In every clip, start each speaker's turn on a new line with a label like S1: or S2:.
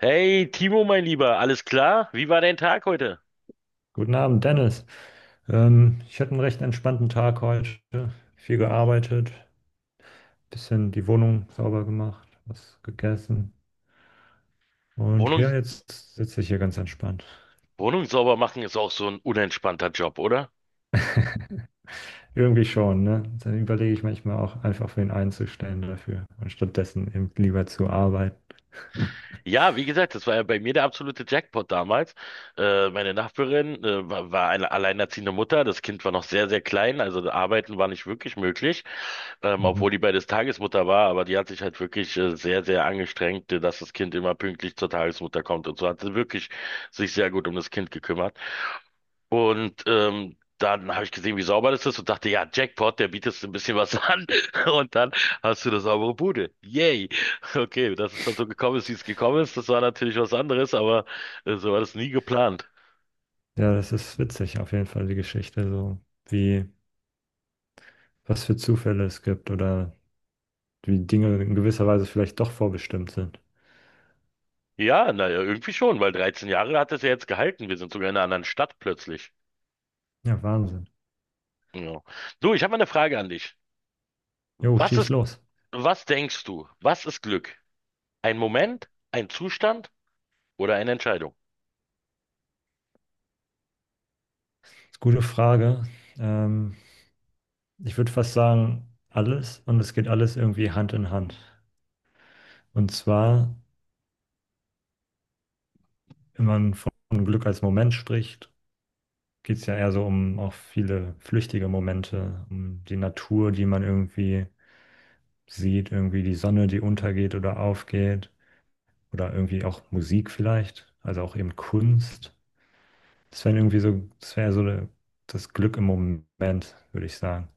S1: Hey, Timo, mein Lieber, alles klar? Wie war dein Tag heute?
S2: Guten Abend, Dennis. Ich hatte einen recht entspannten Tag heute. Viel gearbeitet, bisschen die Wohnung sauber gemacht, was gegessen. Und
S1: Wohnung,
S2: ja, jetzt sitze ich hier ganz entspannt.
S1: Wohnung sauber machen ist auch so ein unentspannter Job, oder?
S2: Irgendwie schon, ne? Dann überlege ich manchmal auch einfach, wen einzustellen dafür und stattdessen eben lieber zu arbeiten.
S1: Ja, wie gesagt, das war ja bei mir der absolute Jackpot damals. Meine Nachbarin, war eine alleinerziehende Mutter. Das Kind war noch sehr, sehr klein, also arbeiten war nicht wirklich möglich, obwohl
S2: Mhm.
S1: die beides Tagesmutter war, aber die hat sich halt wirklich sehr, sehr angestrengt, dass das Kind immer pünktlich zur Tagesmutter kommt und so hat sie wirklich sich sehr gut um das Kind gekümmert. Und dann habe ich gesehen, wie sauber das ist und dachte, ja, Jackpot, der bietet so ein bisschen was an. Und dann hast du eine saubere Bude. Yay. Okay, dass es dann so gekommen ist, wie es gekommen ist, das war natürlich was anderes, aber so war das nie geplant.
S2: Ja, das ist witzig, auf jeden Fall die Geschichte, so wie, was für Zufälle es gibt oder wie Dinge in gewisser Weise vielleicht doch vorbestimmt sind.
S1: Ja, naja, irgendwie schon, weil 13 Jahre hat es ja jetzt gehalten. Wir sind sogar in einer anderen Stadt plötzlich.
S2: Ja, Wahnsinn.
S1: Ja. Du, ich habe mal eine Frage an dich.
S2: Jo,
S1: Was
S2: schieß
S1: ist,
S2: los.
S1: Was denkst du? Was ist Glück? Ein Moment, ein Zustand oder eine Entscheidung?
S2: Ist gute Frage. Ähm, Ich würde fast sagen, alles und es geht alles irgendwie Hand in Hand. Und zwar, wenn man von Glück als Moment spricht, geht es ja eher so um auch viele flüchtige Momente, um die Natur, die man irgendwie sieht, irgendwie die Sonne, die untergeht oder aufgeht oder irgendwie auch Musik vielleicht, also auch eben Kunst. Das wäre irgendwie so, das wäre so das Glück im Moment, würde ich sagen.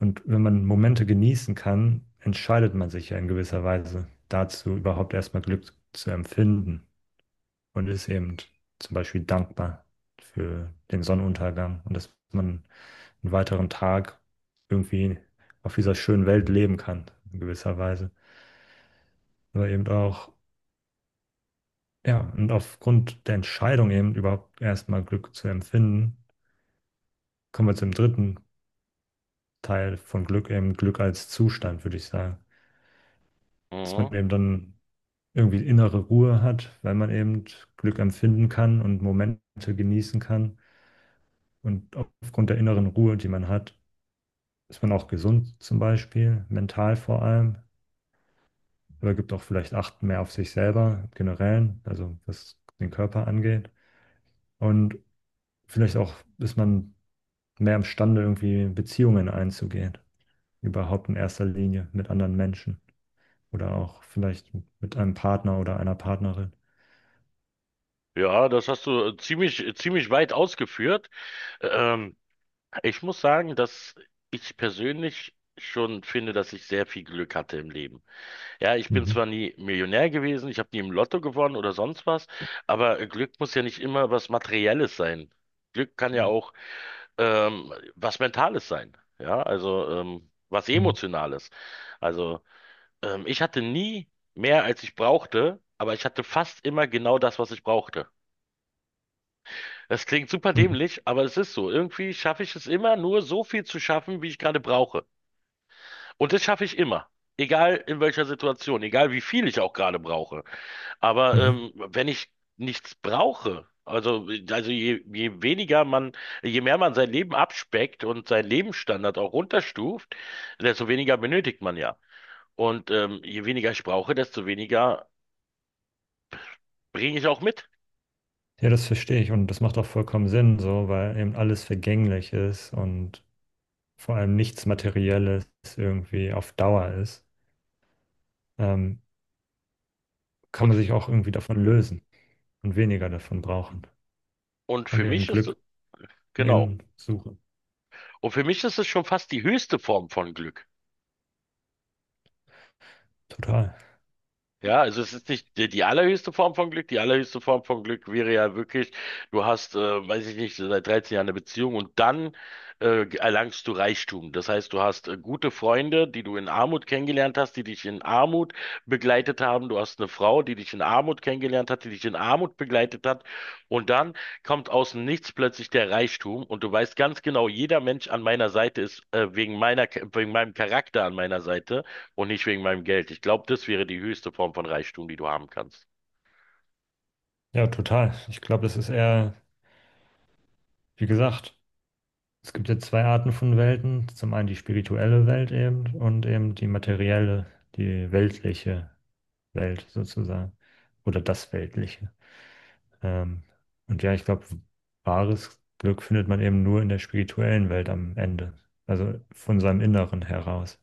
S2: Und wenn man Momente genießen kann, entscheidet man sich ja in gewisser Weise dazu, überhaupt erstmal Glück zu empfinden und ist eben zum Beispiel dankbar für den Sonnenuntergang und dass man einen weiteren Tag irgendwie auf dieser schönen Welt leben kann, in gewisser Weise. Aber eben auch, ja, und aufgrund der Entscheidung eben überhaupt erstmal Glück zu empfinden, kommen wir zum dritten Teil von Glück, eben Glück als Zustand, würde ich sagen. Dass man
S1: Mhm.
S2: eben dann irgendwie innere Ruhe hat, weil man eben Glück empfinden kann und Momente genießen kann. Und aufgrund der inneren Ruhe, die man hat, ist man auch gesund zum Beispiel, mental vor allem, aber gibt auch vielleicht Acht mehr auf sich selber generell, also was den Körper angeht. Und vielleicht auch ist man mehr imstande, irgendwie Beziehungen einzugehen, überhaupt in erster Linie mit anderen Menschen oder auch vielleicht mit einem Partner oder einer Partnerin.
S1: Ja, das hast du ziemlich, ziemlich weit ausgeführt. Ähm, Ich muss sagen, dass ich persönlich schon finde, dass ich sehr viel Glück hatte im Leben. Ja, ich bin
S2: Mhm.
S1: zwar nie Millionär gewesen, ich habe nie im Lotto gewonnen oder sonst was, aber Glück muss ja nicht immer was Materielles sein. Glück kann ja auch was Mentales sein. Ja, also was
S2: Mhm.
S1: Emotionales. Also ich hatte nie mehr, als ich brauchte, aber ich hatte fast immer genau das, was ich brauchte. Das klingt super
S2: Mhm.
S1: dämlich, aber es ist so. Irgendwie schaffe ich es immer, nur so viel zu schaffen, wie ich gerade brauche. Und das schaffe ich immer. Egal in welcher Situation, egal wie viel ich auch gerade brauche. Aber
S2: Mhm.
S1: wenn ich nichts brauche, je weniger man, je mehr man sein Leben abspeckt und seinen Lebensstandard auch runterstuft, desto weniger benötigt man ja. Und je weniger ich brauche, desto weniger bringe ich auch mit.
S2: Ja, das verstehe ich und das macht auch vollkommen Sinn, so, weil eben alles vergänglich ist und vor allem nichts Materielles irgendwie auf Dauer ist, ähm, kann
S1: Und,
S2: man sich auch irgendwie davon lösen und weniger davon brauchen
S1: und
S2: und
S1: für
S2: eben
S1: mich ist,
S2: Glück von
S1: genau.
S2: innen suchen.
S1: Und für mich ist es schon fast die höchste Form von Glück.
S2: Total.
S1: Ja, also es ist nicht die, die allerhöchste Form von Glück. Die allerhöchste Form von Glück wäre ja wirklich, du hast, weiß ich nicht, seit 13 Jahren eine Beziehung und dann erlangst du Reichtum. Das heißt, du hast gute Freunde, die du in Armut kennengelernt hast, die dich in Armut begleitet haben. Du hast eine Frau, die dich in Armut kennengelernt hat, die dich in Armut begleitet hat. Und dann kommt aus dem Nichts plötzlich der Reichtum und du weißt ganz genau, jeder Mensch an meiner Seite ist wegen meinem Charakter an meiner Seite und nicht wegen meinem Geld. Ich glaube, das wäre die höchste Form von Reichtum, die du haben kannst.
S2: Ja, total. Ich glaube, das ist eher, wie gesagt, es gibt ja zwei Arten von Welten. Zum einen die spirituelle Welt eben und eben die materielle, die weltliche Welt sozusagen oder das Weltliche. Ähm, und ja, ich glaube, wahres Glück findet man eben nur in der spirituellen Welt am Ende. Also von seinem Inneren heraus.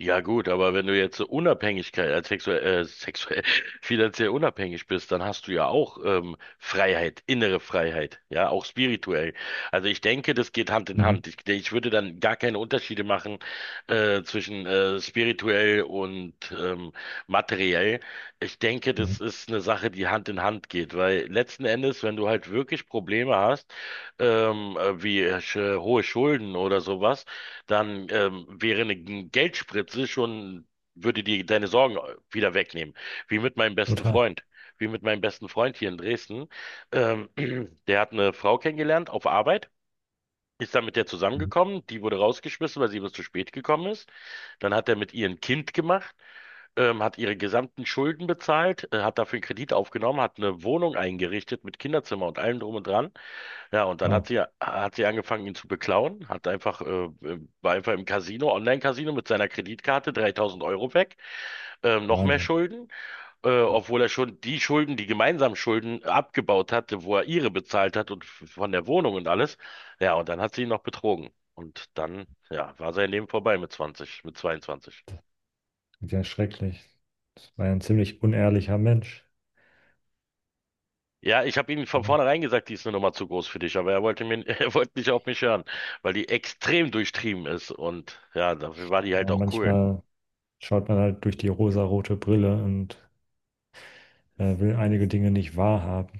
S1: Ja gut, aber wenn du jetzt so Unabhängigkeit, sexuell, finanziell unabhängig bist, dann hast du ja auch Freiheit, innere Freiheit, ja, auch spirituell. Also ich denke, das geht Hand in
S2: Mhm.
S1: Hand. Ich würde dann gar keine Unterschiede machen zwischen spirituell und materiell. Ich denke,
S2: Mhm.
S1: das ist eine Sache, die Hand in Hand geht, weil letzten Endes, wenn du halt wirklich Probleme hast, wie hohe Schulden oder sowas, dann Geldspritze schon, würde dir deine Sorgen wieder wegnehmen. Wie mit meinem besten
S2: Total.
S1: Freund. Wie mit meinem besten Freund hier in Dresden. Ähm, Der hat eine Frau kennengelernt auf Arbeit, ist dann mit der
S2: Mhm.
S1: zusammengekommen, die wurde rausgeschmissen, weil sie was zu spät gekommen ist. Dann hat er mit ihr ein Kind gemacht, hat ihre gesamten Schulden bezahlt, hat dafür einen Kredit aufgenommen, hat eine Wohnung eingerichtet mit Kinderzimmer und allem drum und dran. Ja, und dann hat
S2: Wow.
S1: sie, hat sie angefangen, ihn zu beklauen, war einfach im Casino, Online-Casino mit seiner Kreditkarte 3.000 Euro weg, noch mehr
S2: Wahnsinn.
S1: Schulden, obwohl er schon die Schulden, die gemeinsamen Schulden abgebaut hatte, wo er ihre bezahlt hat und von der Wohnung und alles. Ja, und dann hat sie ihn noch betrogen. Und dann, ja, war sein Leben vorbei mit 20, mit 22.
S2: Ja, schrecklich. Das war ja ein ziemlich unehrlicher Mensch.
S1: Ja, ich habe ihm von
S2: Oder?
S1: vornherein gesagt, die ist eine Nummer zu groß für dich, aber er wollte mir, er wollte nicht auf mich hören, weil die extrem durchtrieben ist und ja, dafür war die halt
S2: Ja,
S1: auch cool.
S2: manchmal schaut man halt durch die rosarote Brille und will einige Dinge nicht wahrhaben.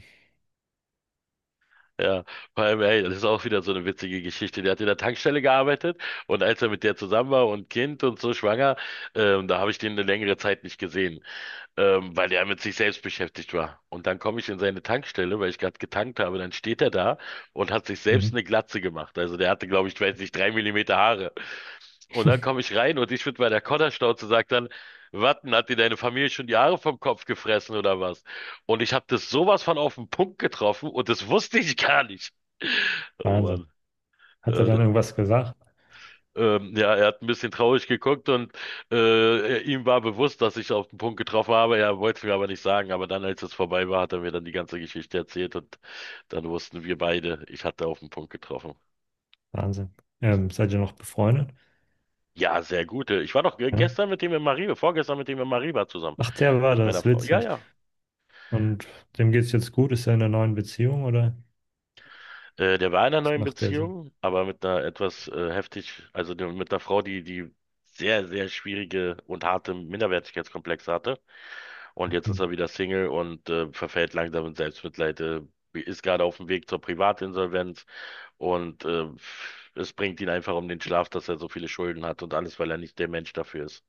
S1: Ja, vor allem, ey, das ist auch wieder so eine witzige Geschichte. Der hat in der Tankstelle gearbeitet und als er mit der zusammen war und Kind und so schwanger, da habe ich den eine längere Zeit nicht gesehen weil er mit sich selbst beschäftigt war. Und dann komme ich in seine Tankstelle, weil ich gerade getankt habe, dann steht er da und hat sich selbst
S2: Mhm.
S1: eine Glatze gemacht. Also der hatte, glaube ich, ich weiß nicht, 3 mm Haare. Und dann komme ich rein und ich mit meiner Kodderschnauze sagt dann, Watten, hat dir deine Familie schon die Haare vom Kopf gefressen oder was? Und ich habe das sowas von auf den Punkt getroffen und das wusste ich gar nicht. Oh
S2: Wahnsinn.
S1: Mann,
S2: Hat er
S1: äh,
S2: dann irgendwas gesagt?
S1: ja, er hat ein bisschen traurig geguckt und ihm war bewusst, dass ich auf den Punkt getroffen habe. Er wollte es mir aber nicht sagen. Aber dann, als es vorbei war, hat er mir dann die ganze Geschichte erzählt und dann wussten wir beide, ich hatte auf den Punkt getroffen.
S2: Wahnsinn. Seid ihr noch befreundet?
S1: Ja, sehr gut. Ich war doch
S2: Ja.
S1: gestern mit ihm in Mariba, vorgestern mit ihm in Mariba zusammen,
S2: Ach, der war
S1: mit meiner
S2: das,
S1: Frau. Ja,
S2: witzig.
S1: ja.
S2: Und dem geht's jetzt gut? Ist er in einer neuen Beziehung oder
S1: Der war in einer
S2: was
S1: neuen
S2: macht der so?
S1: Beziehung, aber mit einer etwas mit einer Frau, die die sehr, sehr schwierige und harte Minderwertigkeitskomplexe hatte. Und jetzt
S2: Hm.
S1: ist er wieder Single und verfällt langsam in Selbstmitleid, ist gerade auf dem Weg zur Privatinsolvenz und es bringt ihn einfach um den Schlaf, dass er so viele Schulden hat und alles, weil er nicht der Mensch dafür ist.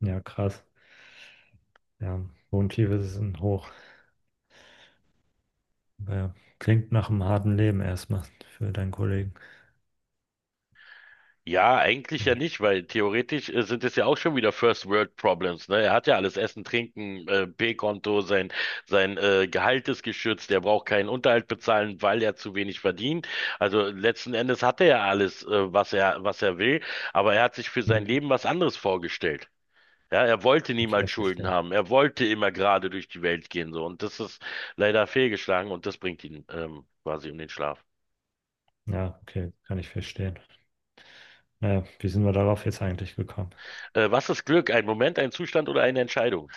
S2: Ja, krass. Ja, Wohntiefe sind hoch. Ja, klingt nach einem harten Leben erstmal für deinen Kollegen.
S1: Ja, eigentlich
S2: Ja.
S1: ja nicht, weil theoretisch sind es ja auch schon wieder First World Problems, ne? Er hat ja alles Essen, Trinken, P-Konto, sein sein Gehalt ist geschützt, er braucht keinen Unterhalt bezahlen, weil er zu wenig verdient. Also letzten Endes hat er ja alles, was er will, aber er hat sich für sein
S2: Hm.
S1: Leben was anderes vorgestellt. Ja, er wollte
S2: Okay,
S1: niemals Schulden
S2: verstehe.
S1: haben. Er wollte immer gerade durch die Welt gehen, so. Und das ist leider fehlgeschlagen und das bringt ihn quasi um den Schlaf.
S2: Ja, okay, kann ich verstehen. Naja, wie sind wir darauf jetzt eigentlich gekommen?
S1: Was ist Glück? Ein Moment, ein Zustand oder eine Entscheidung?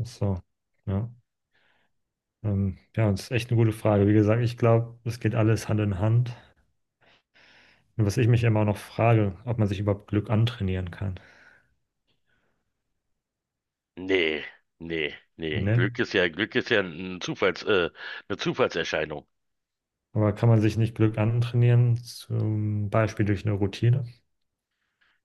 S2: Ach so, ja. Ja, das ist echt eine gute Frage. Wie gesagt, ich glaube, es geht alles Hand in Hand. Und was ich mich immer noch frage, ob man sich überhaupt Glück antrainieren kann.
S1: Nee, nee, nee.
S2: Ne?
S1: Glück ist ja ein eine Zufallserscheinung.
S2: Aber kann man sich nicht Glück antrainieren, zum Beispiel durch eine Routine?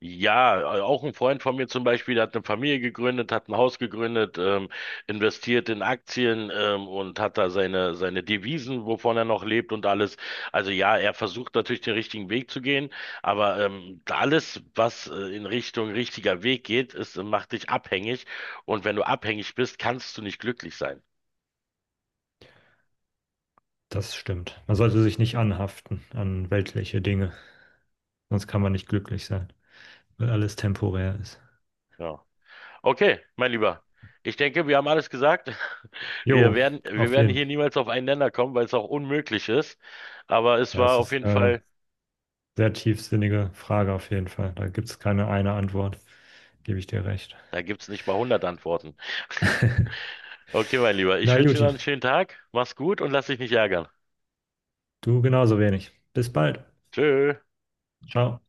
S1: Ja, auch ein Freund von mir zum Beispiel, der hat eine Familie gegründet, hat ein Haus gegründet, investiert in Aktien, und hat da seine Devisen, wovon er noch lebt und alles. Also ja, er versucht natürlich den richtigen Weg zu gehen, aber alles, was in Richtung richtiger Weg geht, macht dich abhängig. Und wenn du abhängig bist, kannst du nicht glücklich sein.
S2: Das stimmt. Man sollte sich nicht anhaften an weltliche Dinge, sonst kann man nicht glücklich sein, weil alles temporär ist.
S1: Ja. Okay, mein Lieber. Ich denke, wir haben alles gesagt. Wir
S2: Jo,
S1: werden, wir
S2: auf
S1: werden
S2: jeden
S1: hier
S2: Fall.
S1: niemals auf einen Nenner kommen, weil es auch unmöglich ist. Aber es
S2: Ja,
S1: war
S2: es
S1: auf
S2: ist
S1: jeden
S2: eine
S1: Fall,
S2: sehr tiefsinnige Frage auf jeden Fall. Da gibt es keine eine Antwort, gebe ich dir recht.
S1: Da gibt's nicht mal 100 Antworten. Okay, mein Lieber, ich
S2: Na,
S1: wünsche dir noch
S2: Juti,
S1: einen schönen Tag. Mach's gut und lass dich nicht ärgern.
S2: du genauso wenig. Bis bald.
S1: Tschö.
S2: Ciao.